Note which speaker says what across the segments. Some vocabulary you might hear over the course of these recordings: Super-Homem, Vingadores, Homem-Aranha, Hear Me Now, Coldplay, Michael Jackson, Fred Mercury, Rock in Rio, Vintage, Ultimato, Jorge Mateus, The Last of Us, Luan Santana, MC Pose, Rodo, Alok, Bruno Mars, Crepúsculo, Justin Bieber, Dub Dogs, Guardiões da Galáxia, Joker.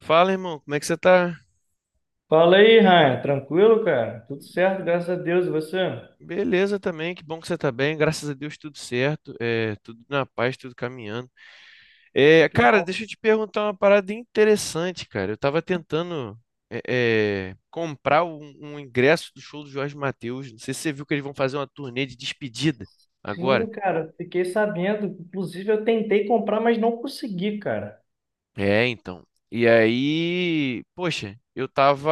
Speaker 1: Fala, irmão, como é que você tá?
Speaker 2: Fala aí, Ryan. Tranquilo, cara? Tudo certo, graças a Deus. E você?
Speaker 1: Beleza também, que bom que você tá bem, graças a Deus tudo certo, é, tudo na paz, tudo caminhando.
Speaker 2: Pô,
Speaker 1: É,
Speaker 2: que
Speaker 1: cara,
Speaker 2: bom.
Speaker 1: deixa eu te perguntar uma parada interessante, cara. Eu tava tentando é, comprar um ingresso do show do Jorge Mateus. Não sei se você viu que eles vão fazer uma turnê de despedida agora.
Speaker 2: Sim, cara. Fiquei sabendo. Inclusive, eu tentei comprar, mas não consegui, cara.
Speaker 1: É, então. E aí, poxa, eu tava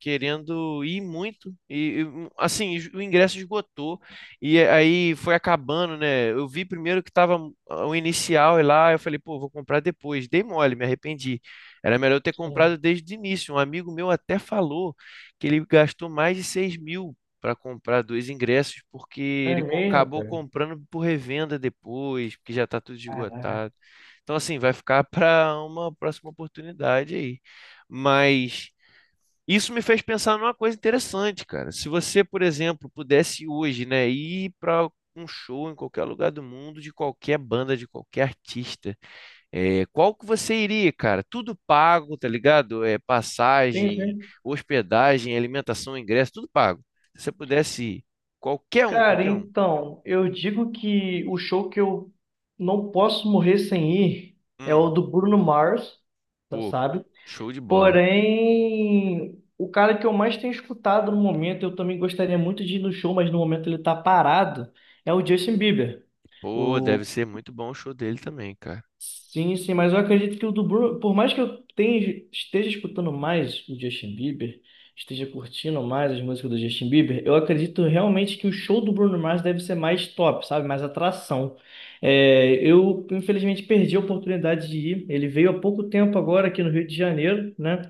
Speaker 1: querendo ir muito e assim, o ingresso esgotou e aí foi acabando, né? Eu vi primeiro que tava ah, o inicial e lá, eu falei, pô, vou comprar depois. Dei mole, me arrependi. Era melhor eu ter
Speaker 2: Sim.
Speaker 1: comprado desde o início. Um amigo meu até falou que ele gastou mais de 6 mil para comprar dois ingressos porque
Speaker 2: É
Speaker 1: ele
Speaker 2: mesmo,
Speaker 1: acabou
Speaker 2: cara?
Speaker 1: comprando por revenda depois, porque já tá tudo
Speaker 2: Caraca.
Speaker 1: esgotado. Então, assim, vai ficar para uma próxima oportunidade aí. Mas isso me fez pensar numa coisa interessante, cara. Se você, por exemplo, pudesse hoje, né, ir para um show em qualquer lugar do mundo, de qualquer banda, de qualquer artista, qual que você iria, cara? Tudo pago, tá ligado? É,
Speaker 2: Sim,
Speaker 1: passagem,
Speaker 2: sim.
Speaker 1: hospedagem, alimentação, ingresso, tudo pago. Se você pudesse ir, qualquer um,
Speaker 2: Cara,
Speaker 1: qualquer um.
Speaker 2: então, eu digo que o show que eu não posso morrer sem ir é o
Speaker 1: Hum,
Speaker 2: do Bruno Mars,
Speaker 1: pô,
Speaker 2: sabe?
Speaker 1: show de bola.
Speaker 2: Porém, o cara que eu mais tenho escutado no momento, eu também gostaria muito de ir no show, mas no momento ele tá parado, é o Justin Bieber.
Speaker 1: Pô, deve
Speaker 2: O...
Speaker 1: ser muito bom o show dele também, cara.
Speaker 2: Sim, sim, mas eu acredito que o do Bruno, por mais que eu tenha, esteja escutando mais o Justin Bieber, esteja curtindo mais as músicas do Justin Bieber, eu acredito realmente que o show do Bruno Mars deve ser mais top, sabe? Mais atração. É, eu, infelizmente, perdi a oportunidade de ir. Ele veio há pouco tempo agora aqui no Rio de Janeiro, né?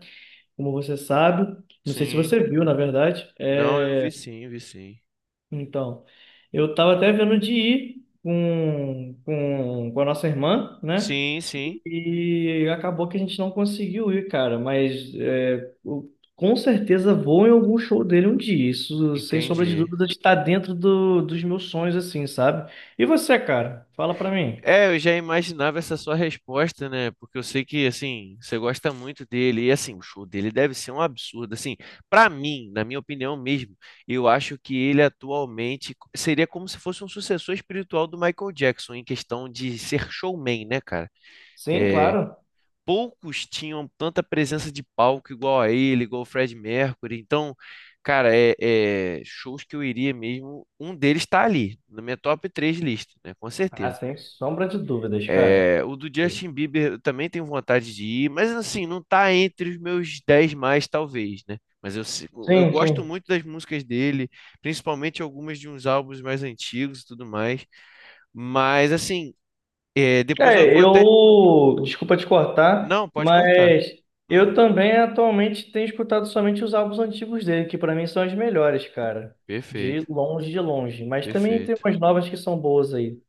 Speaker 2: Como você sabe. Não sei se
Speaker 1: Sim.
Speaker 2: você viu, na verdade. É.
Speaker 1: Não, eu vi sim, vi sim.
Speaker 2: Então, eu estava até vendo de ir com a nossa irmã, né?
Speaker 1: Sim, sim,
Speaker 2: E acabou que a gente não conseguiu ir, cara. Mas é, eu com certeza vou em algum show dele um dia. Isso, sem sombra de
Speaker 1: entendi.
Speaker 2: dúvida, está dentro dos meus sonhos, assim, sabe? E você, cara? Fala pra mim.
Speaker 1: É, eu já imaginava essa sua resposta, né? Porque eu sei que, assim, você gosta muito dele. E, assim, o show dele deve ser um absurdo. Assim, pra mim, na minha opinião mesmo, eu acho que ele atualmente seria como se fosse um sucessor espiritual do Michael Jackson, em questão de ser showman, né, cara?
Speaker 2: Sim,
Speaker 1: É,
Speaker 2: claro.
Speaker 1: poucos tinham tanta presença de palco igual a ele, igual o Fred Mercury. Então, cara, shows que eu iria mesmo. Um deles está ali, na minha top 3 lista, né? Com
Speaker 2: Ah,
Speaker 1: certeza.
Speaker 2: sem sombra de dúvidas, cara.
Speaker 1: É, o do Justin Bieber eu também tenho vontade de ir, mas assim, não tá entre os meus 10 mais, talvez, né? Mas eu, eu
Speaker 2: Sim,
Speaker 1: gosto
Speaker 2: sim.
Speaker 1: muito das músicas dele, principalmente algumas de uns álbuns mais antigos e tudo mais. Mas assim, é, depois eu
Speaker 2: É,
Speaker 1: vou até.
Speaker 2: eu, desculpa te cortar,
Speaker 1: Não, pode cortar.
Speaker 2: mas
Speaker 1: Hum,
Speaker 2: eu também atualmente tenho escutado somente os álbuns antigos dele, que pra mim são as melhores, cara. De
Speaker 1: perfeito,
Speaker 2: longe, de longe. Mas também tem
Speaker 1: perfeito.
Speaker 2: umas novas que são boas aí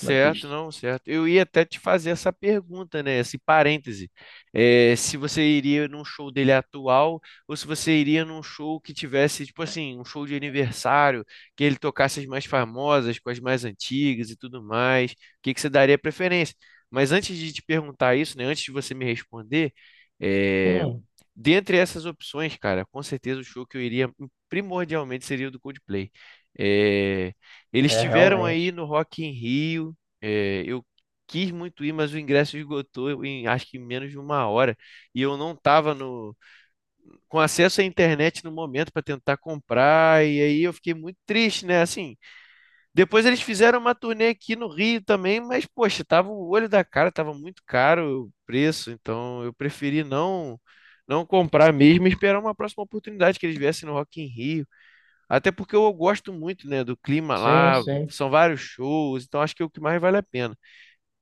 Speaker 2: na pista.
Speaker 1: não, certo. Eu ia até te fazer essa pergunta, né? Esse parêntese. É, se você iria num show dele atual ou se você iria num show que tivesse, tipo assim, um show de aniversário, que ele tocasse as mais famosas, com as mais antigas e tudo mais. O que que você daria preferência? Mas antes de te perguntar isso, né? Antes de você me responder, é,
Speaker 2: Hum,
Speaker 1: dentre essas opções, cara, com certeza o show que eu iria primordialmente seria o do Coldplay. É, eles
Speaker 2: é,
Speaker 1: tiveram aí
Speaker 2: realmente.
Speaker 1: no Rock in Rio. É, eu quis muito ir, mas o ingresso esgotou em acho que em menos de uma hora. E eu não estava no, com acesso à internet no momento para tentar comprar. E aí eu fiquei muito triste, né? Assim, depois eles fizeram uma turnê aqui no Rio também, mas poxa, tava o olho da cara, tava muito caro o preço. Então eu preferi não comprar mesmo e esperar uma próxima oportunidade que eles viessem no Rock in Rio até porque eu gosto muito, né, do clima
Speaker 2: Sim,
Speaker 1: lá,
Speaker 2: sim.
Speaker 1: são vários shows, então acho que é o que mais vale a pena.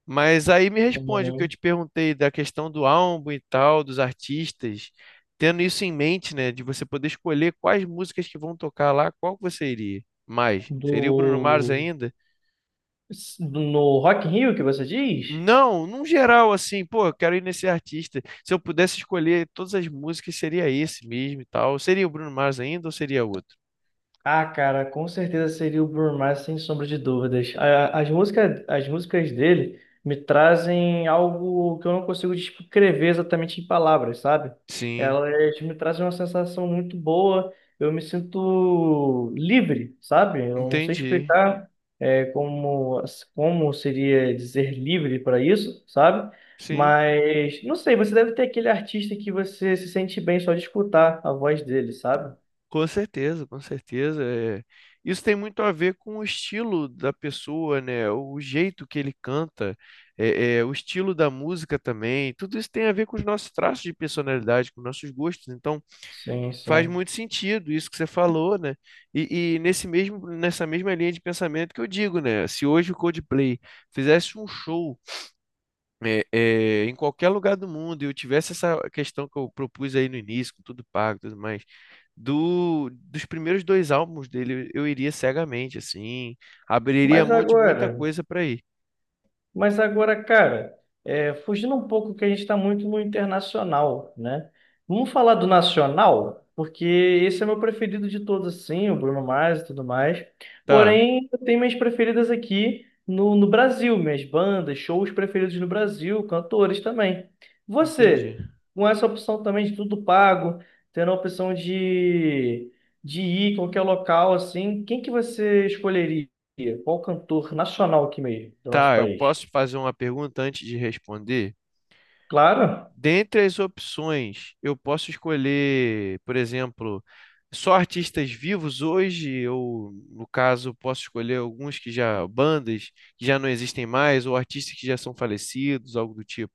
Speaker 1: Mas aí me responde o que eu
Speaker 2: Hum.
Speaker 1: te perguntei da questão do álbum e tal, dos artistas, tendo isso em mente, né, de você poder escolher quais músicas que vão tocar lá, qual que você iria mais? Seria o Bruno Mars
Speaker 2: Do...
Speaker 1: ainda?
Speaker 2: No Rock in Rio que você diz?
Speaker 1: Não, num geral, assim, pô, eu quero ir nesse artista. Se eu pudesse escolher todas as músicas, seria esse mesmo e tal. Seria o Bruno Mars ainda ou seria outro?
Speaker 2: Ah, cara, com certeza seria o Bruno Mars, sem sombra de dúvidas. As músicas dele me trazem algo que eu não consigo descrever exatamente em palavras, sabe?
Speaker 1: Sim,
Speaker 2: Elas me trazem uma sensação muito boa, eu me sinto livre, sabe? Eu não sei
Speaker 1: entendi.
Speaker 2: explicar, é, como, como seria dizer livre para isso, sabe?
Speaker 1: Sim.
Speaker 2: Mas, não sei, você deve ter aquele artista que você se sente bem só de escutar a voz dele, sabe?
Speaker 1: Com certeza, com certeza. É. Isso tem muito a ver com o estilo da pessoa, né? O jeito que ele canta, o estilo da música também. Tudo isso tem a ver com os nossos traços de personalidade, com nossos gostos. Então,
Speaker 2: Sim,
Speaker 1: faz
Speaker 2: sim.
Speaker 1: muito sentido isso que você falou, né? E nesse nessa mesma linha de pensamento que eu digo, né? Se hoje o Coldplay fizesse um show em qualquer lugar do mundo, eu tivesse essa questão que eu propus aí no início, com tudo pago e tudo mais, dos primeiros dois álbuns dele, eu iria cegamente, assim, abriria
Speaker 2: Mas
Speaker 1: mão de muita
Speaker 2: agora,
Speaker 1: coisa para ir.
Speaker 2: mas agora, cara, é, fugindo um pouco que a gente está muito no internacional, né? Vamos falar do nacional, porque esse é meu preferido de todos, assim, o Bruno Mars e tudo mais.
Speaker 1: Tá,
Speaker 2: Porém, eu tenho minhas preferidas aqui no Brasil, minhas bandas, shows preferidos no Brasil, cantores também.
Speaker 1: entendi.
Speaker 2: Você, com essa opção também de tudo pago, tendo a opção de ir em qualquer local, assim, quem que você escolheria? Qual cantor nacional aqui mesmo, do nosso
Speaker 1: Tá, eu
Speaker 2: país?
Speaker 1: posso fazer uma pergunta antes de responder?
Speaker 2: Claro.
Speaker 1: Dentre as opções, eu posso escolher, por exemplo, só artistas vivos hoje, ou no caso, posso escolher alguns que já, bandas que já não existem mais, ou artistas que já são falecidos, algo do tipo.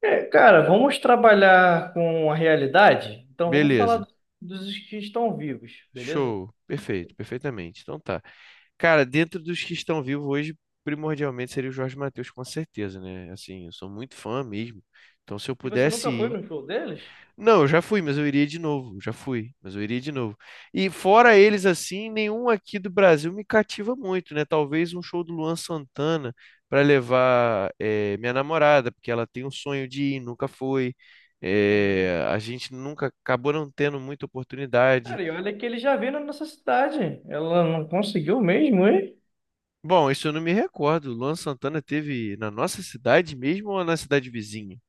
Speaker 2: É, cara, vamos trabalhar com a realidade? Então vamos falar
Speaker 1: Beleza,
Speaker 2: dos que estão vivos, beleza?
Speaker 1: show, perfeito, perfeitamente. Então tá. Cara, dentro dos que estão vivos hoje, primordialmente seria o Jorge Mateus, com certeza, né? Assim, eu sou muito fã mesmo. Então, se eu
Speaker 2: E você nunca foi
Speaker 1: pudesse
Speaker 2: no show deles?
Speaker 1: Não, eu já fui, mas eu iria de novo. Já fui, mas eu iria de novo. E fora
Speaker 2: Sim,
Speaker 1: eles assim, nenhum aqui do Brasil me cativa muito, né? Talvez um show do Luan Santana para levar eh, minha namorada, porque ela tem um sonho de ir, nunca foi.
Speaker 2: também.
Speaker 1: Eh, a gente nunca acabou não tendo muita oportunidade.
Speaker 2: Cara, e olha que ele já veio na nossa cidade. Ela não conseguiu mesmo, hein?
Speaker 1: Bom, isso eu não me recordo. Luan Santana teve na nossa cidade mesmo ou na cidade vizinha?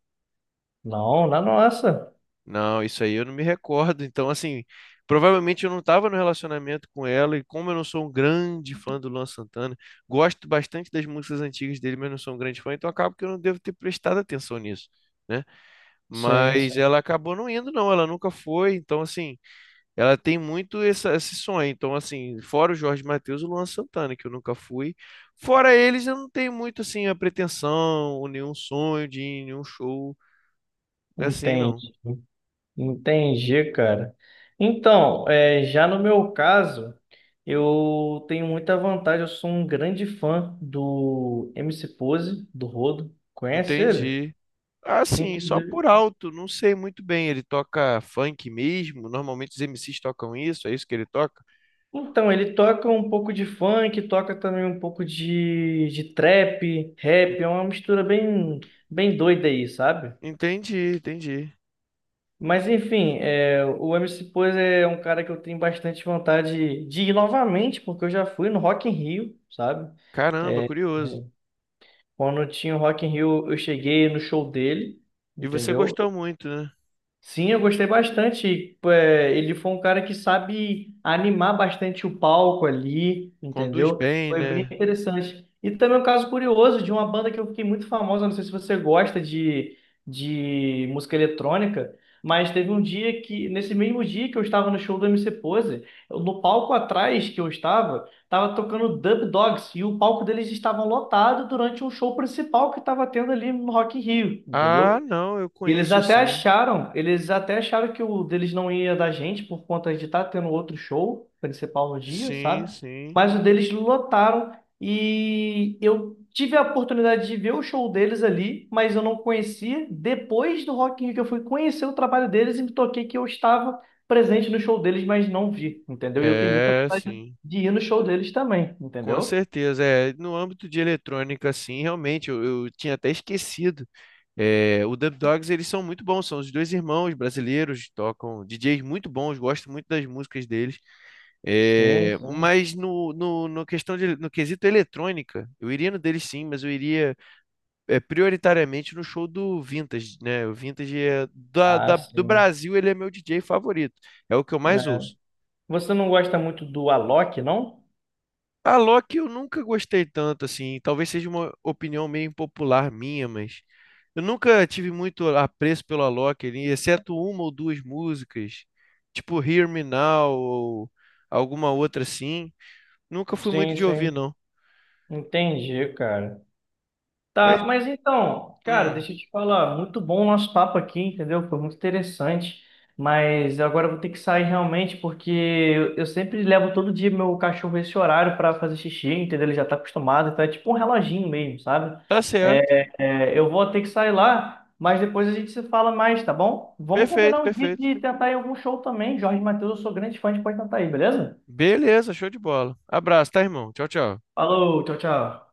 Speaker 2: Não, na nossa.
Speaker 1: Não, isso aí eu não me recordo. Então, assim, provavelmente eu não estava no relacionamento com ela, e como eu não sou um grande fã do Luan Santana, gosto bastante das músicas antigas dele, mas não sou um grande fã, então acabo que eu não devo ter prestado atenção nisso, né?
Speaker 2: Sim,
Speaker 1: Mas
Speaker 2: sim.
Speaker 1: ela acabou não indo, não, ela nunca foi. Então, assim, ela tem muito esse sonho. Então, assim, fora o Jorge Mateus, o Luan Santana, que eu nunca fui. Fora eles, eu não tenho muito, assim, a pretensão, ou nenhum sonho de ir em nenhum show, assim, não.
Speaker 2: Entendi. Entendi, cara. Então, é, já no meu caso, eu tenho muita vantagem. Eu sou um grande fã do MC Pose, do Rodo. Conhece ele?
Speaker 1: Entendi. Assim, só
Speaker 2: Inclusive.
Speaker 1: por alto, não sei muito bem. Ele toca funk mesmo? Normalmente os MCs tocam isso, é isso que ele toca?
Speaker 2: Então, ele toca um pouco de funk, toca também um pouco de trap, rap. É uma mistura bem, bem doida aí, sabe?
Speaker 1: Entendi, entendi.
Speaker 2: Mas enfim, é, o MC Pose é um cara que eu tenho bastante vontade de ir novamente, porque eu já fui no Rock in Rio, sabe?
Speaker 1: Caramba, curioso.
Speaker 2: Quando tinha o Rock in Rio, eu cheguei no show dele,
Speaker 1: E você
Speaker 2: entendeu?
Speaker 1: gostou muito, né?
Speaker 2: Sim, eu gostei bastante. É, ele foi um cara que sabe animar bastante o palco ali,
Speaker 1: Conduz
Speaker 2: entendeu?
Speaker 1: bem,
Speaker 2: Foi bem
Speaker 1: né?
Speaker 2: interessante. E também um caso curioso de uma banda que eu fiquei muito famosa, não sei se você gosta de música eletrônica, mas teve um dia que, nesse mesmo dia que eu estava no show do MC Pose, no palco atrás que eu estava, estava tocando Dub Dogs e o palco deles estava lotado durante um show principal que estava tendo ali no Rock in Rio,
Speaker 1: Ah,
Speaker 2: entendeu?
Speaker 1: não, eu
Speaker 2: E
Speaker 1: conheço sim.
Speaker 2: eles até acharam que o deles não ia da gente por conta de estar tendo outro show principal no dia,
Speaker 1: Sim,
Speaker 2: sabe?
Speaker 1: sim.
Speaker 2: Mas o deles lotaram e eu tive a oportunidade de ver o show deles ali, mas eu não conhecia. Depois do Rock in Rio que eu fui conhecer o trabalho deles e me toquei que eu estava presente no show deles, mas não vi, entendeu? E eu tenho muita
Speaker 1: É,
Speaker 2: vontade
Speaker 1: sim.
Speaker 2: de ir no show deles também,
Speaker 1: Com
Speaker 2: entendeu?
Speaker 1: certeza. É, no âmbito de eletrônica, sim, realmente, eu tinha até esquecido. É, o Dub Dogs, eles são muito bons, são os dois irmãos brasileiros, tocam DJs muito bons, gosto muito das músicas deles.
Speaker 2: Sim,
Speaker 1: É,
Speaker 2: sim.
Speaker 1: mas no questão de, no quesito eletrônica, eu iria no deles sim, mas eu iria é, prioritariamente no show do Vintage, né? O Vintage é
Speaker 2: Ah,
Speaker 1: do
Speaker 2: sim.
Speaker 1: Brasil, ele é meu DJ favorito, é o que eu mais
Speaker 2: Né?
Speaker 1: ouço.
Speaker 2: Você não gosta muito do Alok, não?
Speaker 1: A Loki eu nunca gostei tanto, assim. Talvez seja uma opinião meio impopular minha, mas eu nunca tive muito apreço pelo Alok, ali, exceto uma ou duas músicas, tipo Hear Me Now ou alguma outra assim. Nunca fui muito
Speaker 2: Sim,
Speaker 1: de ouvir,
Speaker 2: sim.
Speaker 1: não.
Speaker 2: Entendi, cara. Tá,
Speaker 1: Mas,
Speaker 2: mas então, cara,
Speaker 1: hum,
Speaker 2: deixa eu te falar, muito bom o nosso papo aqui, entendeu? Foi muito interessante, mas agora eu vou ter que sair realmente, porque eu sempre levo todo dia meu cachorro esse horário para fazer xixi, entendeu? Ele já tá acostumado, então é tipo um reloginho mesmo, sabe?
Speaker 1: tá certo.
Speaker 2: É, eu vou ter que sair lá, mas depois a gente se fala mais, tá bom? Vamos
Speaker 1: Perfeito,
Speaker 2: combinar um dia
Speaker 1: perfeito.
Speaker 2: de tentar ir em algum show também. Jorge Mateus, eu sou grande fã de pode tentar aí, beleza?
Speaker 1: Beleza, show de bola. Abraço, tá, irmão? Tchau, tchau.
Speaker 2: Falou, tchau, tchau.